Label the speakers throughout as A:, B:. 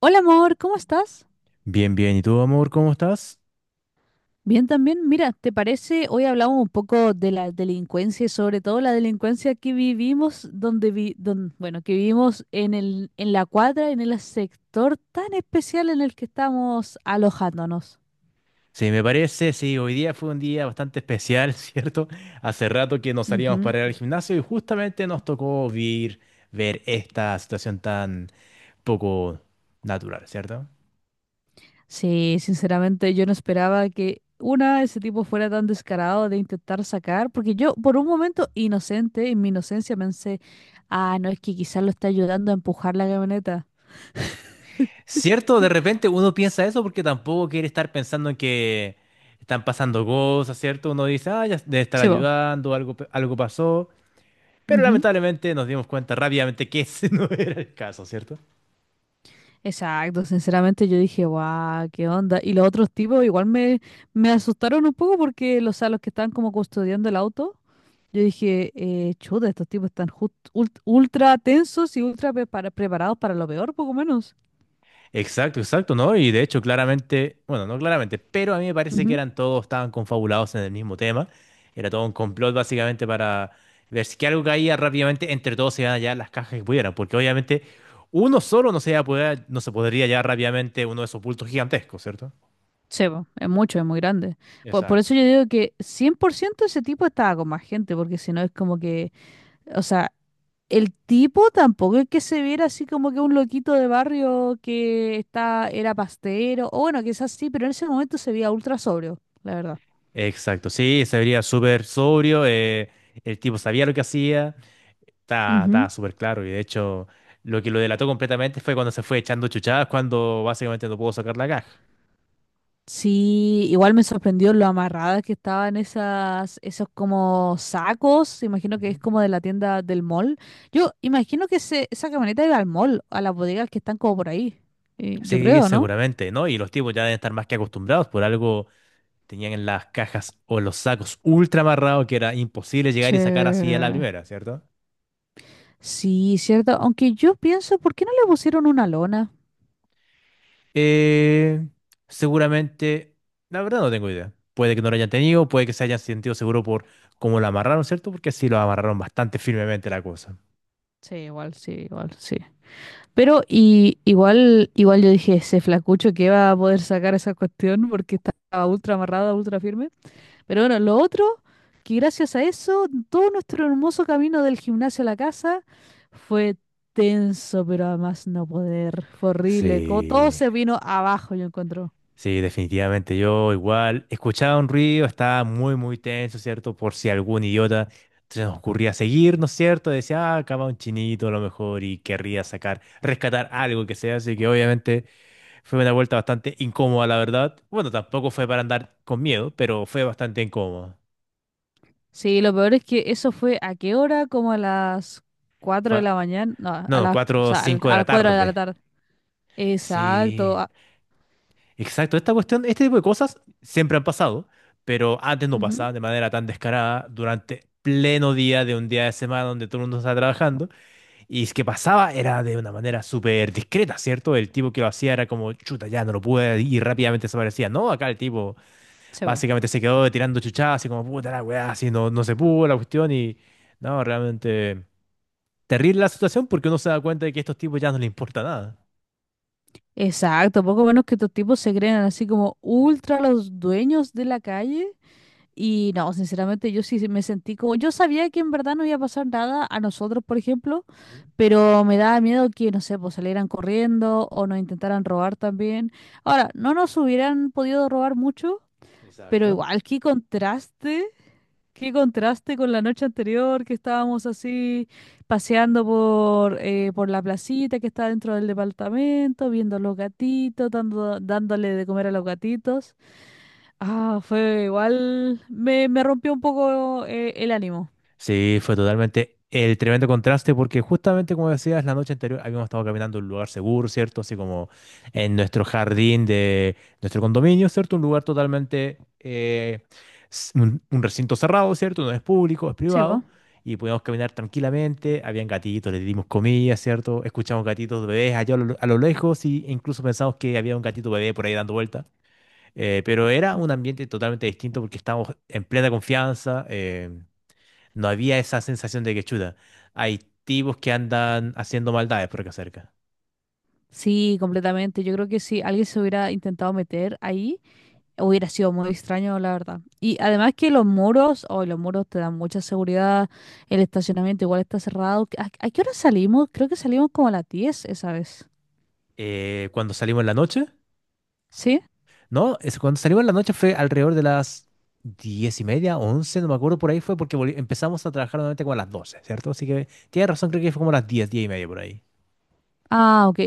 A: Hola amor, ¿cómo estás?
B: Bien, bien. ¿Y tú, amor, cómo estás?
A: Bien también. Mira, ¿te parece? Hoy hablamos un poco de la delincuencia y sobre todo la delincuencia que vivimos bueno, que vivimos en la cuadra, en el sector tan especial en el que estamos alojándonos.
B: Sí, me parece, sí, hoy día fue un día bastante especial, ¿cierto? Hace rato que nos salíamos
A: Ujú.
B: para ir al gimnasio y justamente nos tocó ver esta situación tan poco natural, ¿cierto?
A: Sí, sinceramente yo no esperaba que ese tipo fuera tan descarado de intentar sacar, porque yo por un momento inocente, en mi inocencia pensé, ah, no, es que quizás lo está ayudando a empujar la camioneta.
B: Cierto, de repente uno piensa eso porque tampoco quiere estar pensando en que están pasando cosas, ¿cierto? Uno dice, ah, ya debe estar
A: Sí,
B: ayudando, algo, algo pasó, pero
A: vos.
B: lamentablemente nos dimos cuenta rápidamente que ese no era el caso, ¿cierto?
A: Exacto, sinceramente yo dije, guau, qué onda. Y los otros tipos igual me asustaron un poco porque o sea, los que estaban como custodiando el auto, yo dije, chuta, estos tipos están ultra tensos y ultra preparados para lo peor, poco menos.
B: Exacto, exacto, ¿no? Y de hecho, claramente, bueno, no claramente, pero a mí me parece que
A: Ujú.
B: eran todos, estaban confabulados en el mismo tema. Era todo un complot básicamente para ver si que algo caía rápidamente, entre todos se iban a llevar las cajas que pudieran, porque obviamente uno solo no se, no se podría llevar rápidamente uno de esos bultos gigantescos, ¿cierto?
A: Sí, po, es mucho, es muy grande. Por
B: Exacto.
A: eso yo digo que 100% ese tipo estaba con más gente, porque si no es como que, o sea, el tipo tampoco es que se viera así como que un loquito de barrio que está, era pastero, o bueno, quizás sí, pero en ese momento se veía ultra sobrio, la verdad.
B: Exacto, sí, se vería súper sobrio, el tipo sabía lo que hacía, estaba, estaba
A: Ujú.
B: súper claro y de hecho lo que lo delató completamente fue cuando se fue echando chuchadas cuando básicamente no pudo sacar la caja.
A: Sí, igual me sorprendió lo amarradas que estaban esos como sacos, imagino que
B: Ujú.
A: es como de la tienda del mall. Yo imagino que esa camioneta iba al mall, a las bodegas que están como por ahí. Yo
B: Sí,
A: creo, ¿no?
B: seguramente, ¿no? Y los tipos ya deben estar más que acostumbrados, por algo tenían en las cajas o en los sacos ultra amarrados que era imposible llegar
A: Sí.
B: y sacar así a la primera, ¿cierto?
A: Sí, cierto. Aunque yo pienso, ¿por qué no le pusieron una lona?
B: Eh, seguramente, la verdad no tengo idea. Puede que no lo hayan tenido, puede que se hayan sentido seguro por cómo lo amarraron, ¿cierto? Porque sí lo amarraron bastante firmemente la cosa.
A: Sí, igual, sí, igual, sí. Pero y, igual, igual yo dije, ese flacucho que va a poder sacar esa cuestión porque estaba ultra amarrada, ultra firme. Pero bueno, lo otro, que gracias a eso, todo nuestro hermoso camino del gimnasio a la casa fue tenso, pero además no poder. Fue horrible. Como todo
B: Sí,
A: se vino abajo, yo encuentro.
B: sí, definitivamente. Yo igual escuchaba un ruido, estaba muy, muy tenso, ¿cierto? Por si algún idiota se nos ocurría seguir, ¿no es cierto? Decía, ah, acá va un chinito a lo mejor y querría sacar, rescatar algo que sea. Así que obviamente fue una vuelta bastante incómoda, la verdad. Bueno, tampoco fue para andar con miedo, pero fue bastante incómoda.
A: Sí, lo peor es que eso fue a qué hora, como a las 4 de
B: Fue-
A: la mañana. No,
B: No,
A: o
B: 4 o
A: sea,
B: 5 de
A: a
B: la
A: las 4 de la
B: tarde.
A: tarde.
B: Sí,
A: Exacto.
B: exacto. Esta cuestión, este tipo de cosas siempre han pasado, pero antes no
A: Ujú,
B: pasaba de manera tan descarada durante pleno día de un día de semana donde todo el mundo está trabajando. Y es que pasaba era de una manera súper discreta, ¿cierto? El tipo que lo hacía era como, chuta, ya no lo pude y rápidamente desaparecía. No, acá el tipo
A: se va.
B: básicamente se quedó tirando chuchadas así como, puta la weá, así no, no se pudo la cuestión y no, realmente terrible la situación porque uno se da cuenta de que a estos tipos ya no les importa nada.
A: Exacto, poco menos que estos tipos se creen así como ultra los dueños de la calle. Y no, sinceramente yo sí me sentí como, yo sabía que en verdad no iba a pasar nada a nosotros, por ejemplo,
B: Ujú.
A: pero me daba miedo que, no sé, pues salieran corriendo o nos intentaran robar también. Ahora, no nos hubieran podido robar mucho, pero
B: Exacto.
A: igual, qué contraste con la noche anterior que estábamos así paseando por la placita que está dentro del departamento, viendo los gatitos, dándole de comer a los gatitos. Ah, fue igual, me rompió un poco el ánimo.
B: Sí, fue totalmente el tremendo contraste porque justamente como decías, la noche anterior habíamos estado caminando en un lugar seguro, ¿cierto? Así como en nuestro jardín de nuestro condominio, ¿cierto? Un lugar totalmente, un recinto cerrado, ¿cierto? No es público, es
A: Sí, ¿vo?
B: privado. Y podíamos caminar tranquilamente, habían gatitos, les dimos comida, ¿cierto? Escuchamos gatitos bebés allá a lo lejos y- e incluso pensamos que había un gatito bebé por ahí dando vueltas. Pero era un ambiente totalmente distinto porque estábamos en plena confianza. No había esa sensación de que chuta. Hay tipos que andan haciendo maldades por acá cerca.
A: Sí, completamente. Yo creo que si alguien se hubiera intentado meter ahí, hubiera sido muy extraño, la verdad. Y además que los muros, hoy los muros te dan mucha seguridad, el estacionamiento igual está cerrado. ¿A qué hora salimos? Creo que salimos como a las 10 esa vez.
B: Cuando salimos en la noche.
A: ¿Sí?
B: No, es cuando salimos en la noche fue alrededor de las diez y media, once, no me acuerdo por ahí fue porque empezamos a trabajar nuevamente como a las doce, ¿cierto? Así que tienes razón, creo que fue como a las diez, diez y media por ahí.
A: Ah, ok.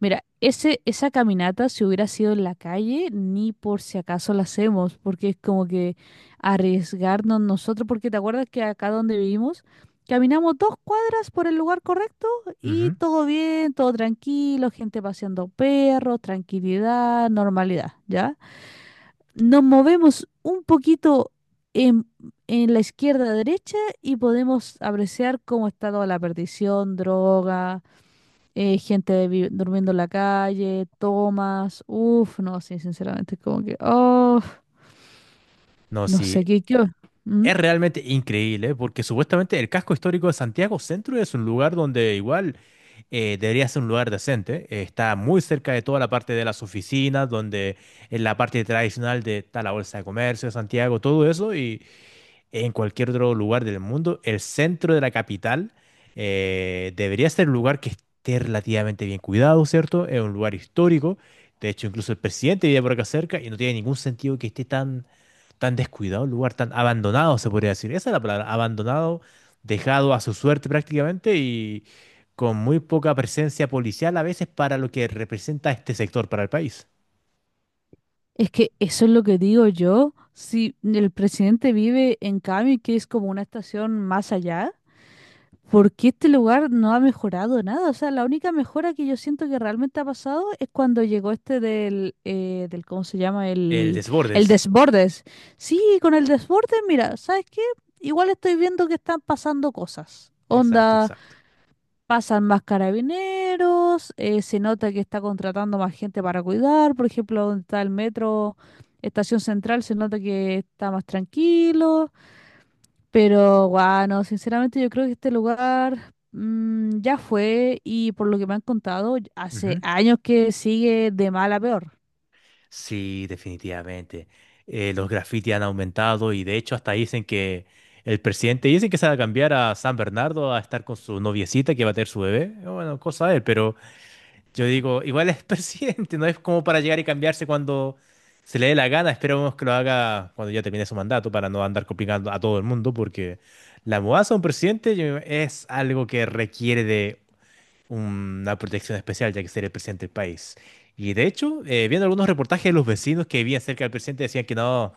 A: Mira, esa caminata, si hubiera sido en la calle, ni por si acaso la hacemos, porque es como que arriesgarnos nosotros, porque te acuerdas que acá donde vivimos, caminamos dos cuadras por el lugar correcto y
B: Ujú.
A: todo bien, todo tranquilo, gente paseando perros, tranquilidad, normalidad, ¿ya? Nos movemos un poquito en, en la izquierda-derecha y podemos apreciar cómo está toda la perdición, droga, gente durmiendo en la calle, tomas, uff, no, sí, sinceramente, es como que, oh,
B: No,
A: no
B: sí,
A: sé qué. ¿Mm?
B: es realmente increíble, ¿eh? Porque supuestamente el casco histórico de Santiago Centro es un lugar donde igual debería ser un lugar decente. Está muy cerca de toda la parte de las oficinas, donde en la parte tradicional de, está la Bolsa de Comercio de Santiago, todo eso, y en cualquier otro lugar del mundo, el centro de la capital debería ser un lugar que esté relativamente bien cuidado, ¿cierto? Es un lugar histórico. De hecho, incluso el presidente vive por acá cerca y no tiene ningún sentido que esté tan tan descuidado el lugar, tan abandonado, se podría decir. Esa es la palabra, abandonado, dejado a su suerte prácticamente y con muy poca presencia policial a veces para lo que representa este sector para el país.
A: Es que eso es lo que digo yo. Si el presidente vive en Cami, que es como una estación más allá, ¿porque este lugar no ha mejorado nada? O sea, la única mejora que yo siento que realmente ha pasado es cuando llegó este del ¿cómo se llama?
B: El
A: El
B: Desbordes.
A: Desbordes. Sí, con el Desbordes, mira, ¿sabes qué? Igual estoy viendo que están pasando cosas.
B: Exacto,
A: Onda,
B: exacto.
A: pasan más carabineros, se nota que está contratando más gente para cuidar. Por ejemplo, donde está el metro, Estación Central, se nota que está más tranquilo. Pero, guau, no, sinceramente yo creo que este lugar ya fue y por lo que me han contado, hace
B: Ujú.
A: años que sigue de mal a peor.
B: Sí, definitivamente. Los grafitis han aumentado y de hecho hasta dicen que el presidente dice que se va a cambiar a San Bernardo a estar con su noviecita que va a tener su bebé. Bueno, cosa de él, pero yo digo, igual es presidente, no es como para llegar y cambiarse cuando se le dé la gana. Esperemos que lo haga cuando ya termine su mandato para no andar complicando a todo el mundo, porque la mudanza de un presidente es algo que requiere de una protección especial, ya que ser el presidente del país. Y de hecho, viendo algunos reportajes de los vecinos que vivían cerca del presidente, decían que no.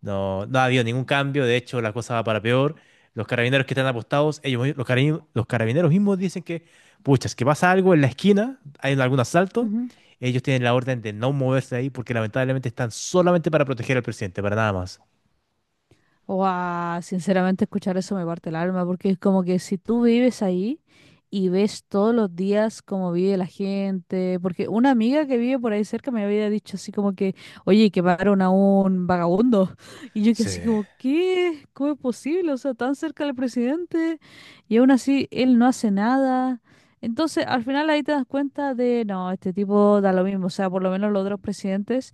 B: No, no ha habido ningún cambio, de hecho la cosa va para peor. Los carabineros que están apostados, ellos, los carabineros mismos dicen que, pucha, es que pasa algo en la esquina, hay algún asalto, ellos tienen la orden de no moverse ahí porque lamentablemente están solamente para proteger al presidente, para nada más.
A: Guau, sinceramente escuchar eso me parte el alma, porque es como que si tú vives ahí y ves todos los días cómo vive la gente, porque una amiga que vive por ahí cerca me había dicho así como que, oye, que pagaron a un vagabundo, y yo que
B: Sí.
A: así como, ¿qué? ¿Cómo es posible? O sea, tan cerca del presidente, y aún así él no hace nada. Entonces, al final ahí te das cuenta de, no, este tipo da lo mismo, o sea, por lo menos los otros presidentes.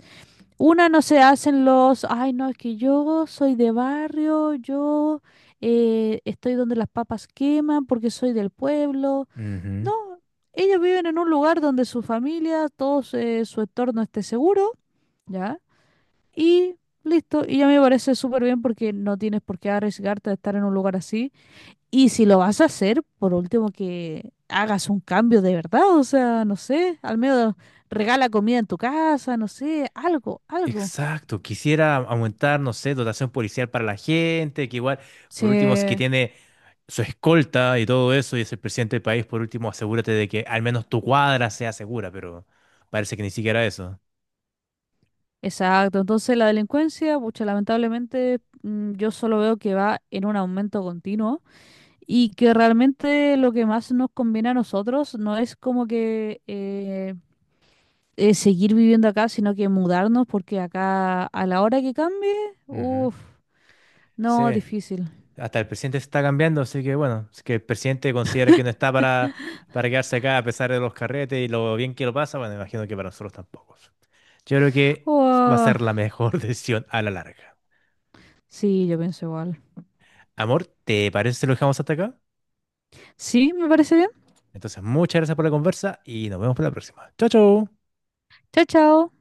A: Una no se hacen los, ay no, es que yo soy de barrio, yo estoy donde las papas queman porque soy del pueblo.
B: Ujú.
A: No, ellos viven en un lugar donde su familia, todo su entorno esté seguro, ¿ya? Y listo, y ya me parece súper bien porque no tienes por qué arriesgarte a estar en un lugar así. Y si lo vas a hacer, por último que hagas un cambio de verdad, o sea, no sé, al menos regala comida en tu casa, no sé, algo, algo.
B: Exacto, quisiera aumentar, no sé, dotación policial para la gente, que igual, por último, si es que
A: Sí,
B: tiene su escolta y todo eso, y es el presidente del país, por último, asegúrate de que al menos tu cuadra sea segura, pero parece que ni siquiera eso.
A: exacto. Entonces la delincuencia, pucha, lamentablemente yo solo veo que va en un aumento continuo y que realmente lo que más nos conviene a nosotros no es como que seguir viviendo acá, sino que mudarnos porque acá a la hora que cambie,
B: Ujú.
A: uff, no,
B: Sí,
A: difícil.
B: hasta el presidente se está cambiando, así que bueno, si es que el presidente considera que no está para quedarse acá a pesar de los carretes y lo bien que lo pasa, bueno, imagino que para nosotros tampoco. Yo creo que va a
A: Uah,
B: ser la mejor decisión a la larga.
A: sí, yo pienso igual.
B: Amor, ¿te parece si lo dejamos hasta acá?
A: Sí, me parece bien.
B: Entonces, muchas gracias por la conversa y nos vemos para la próxima. Chao, chao.
A: Chao, chao.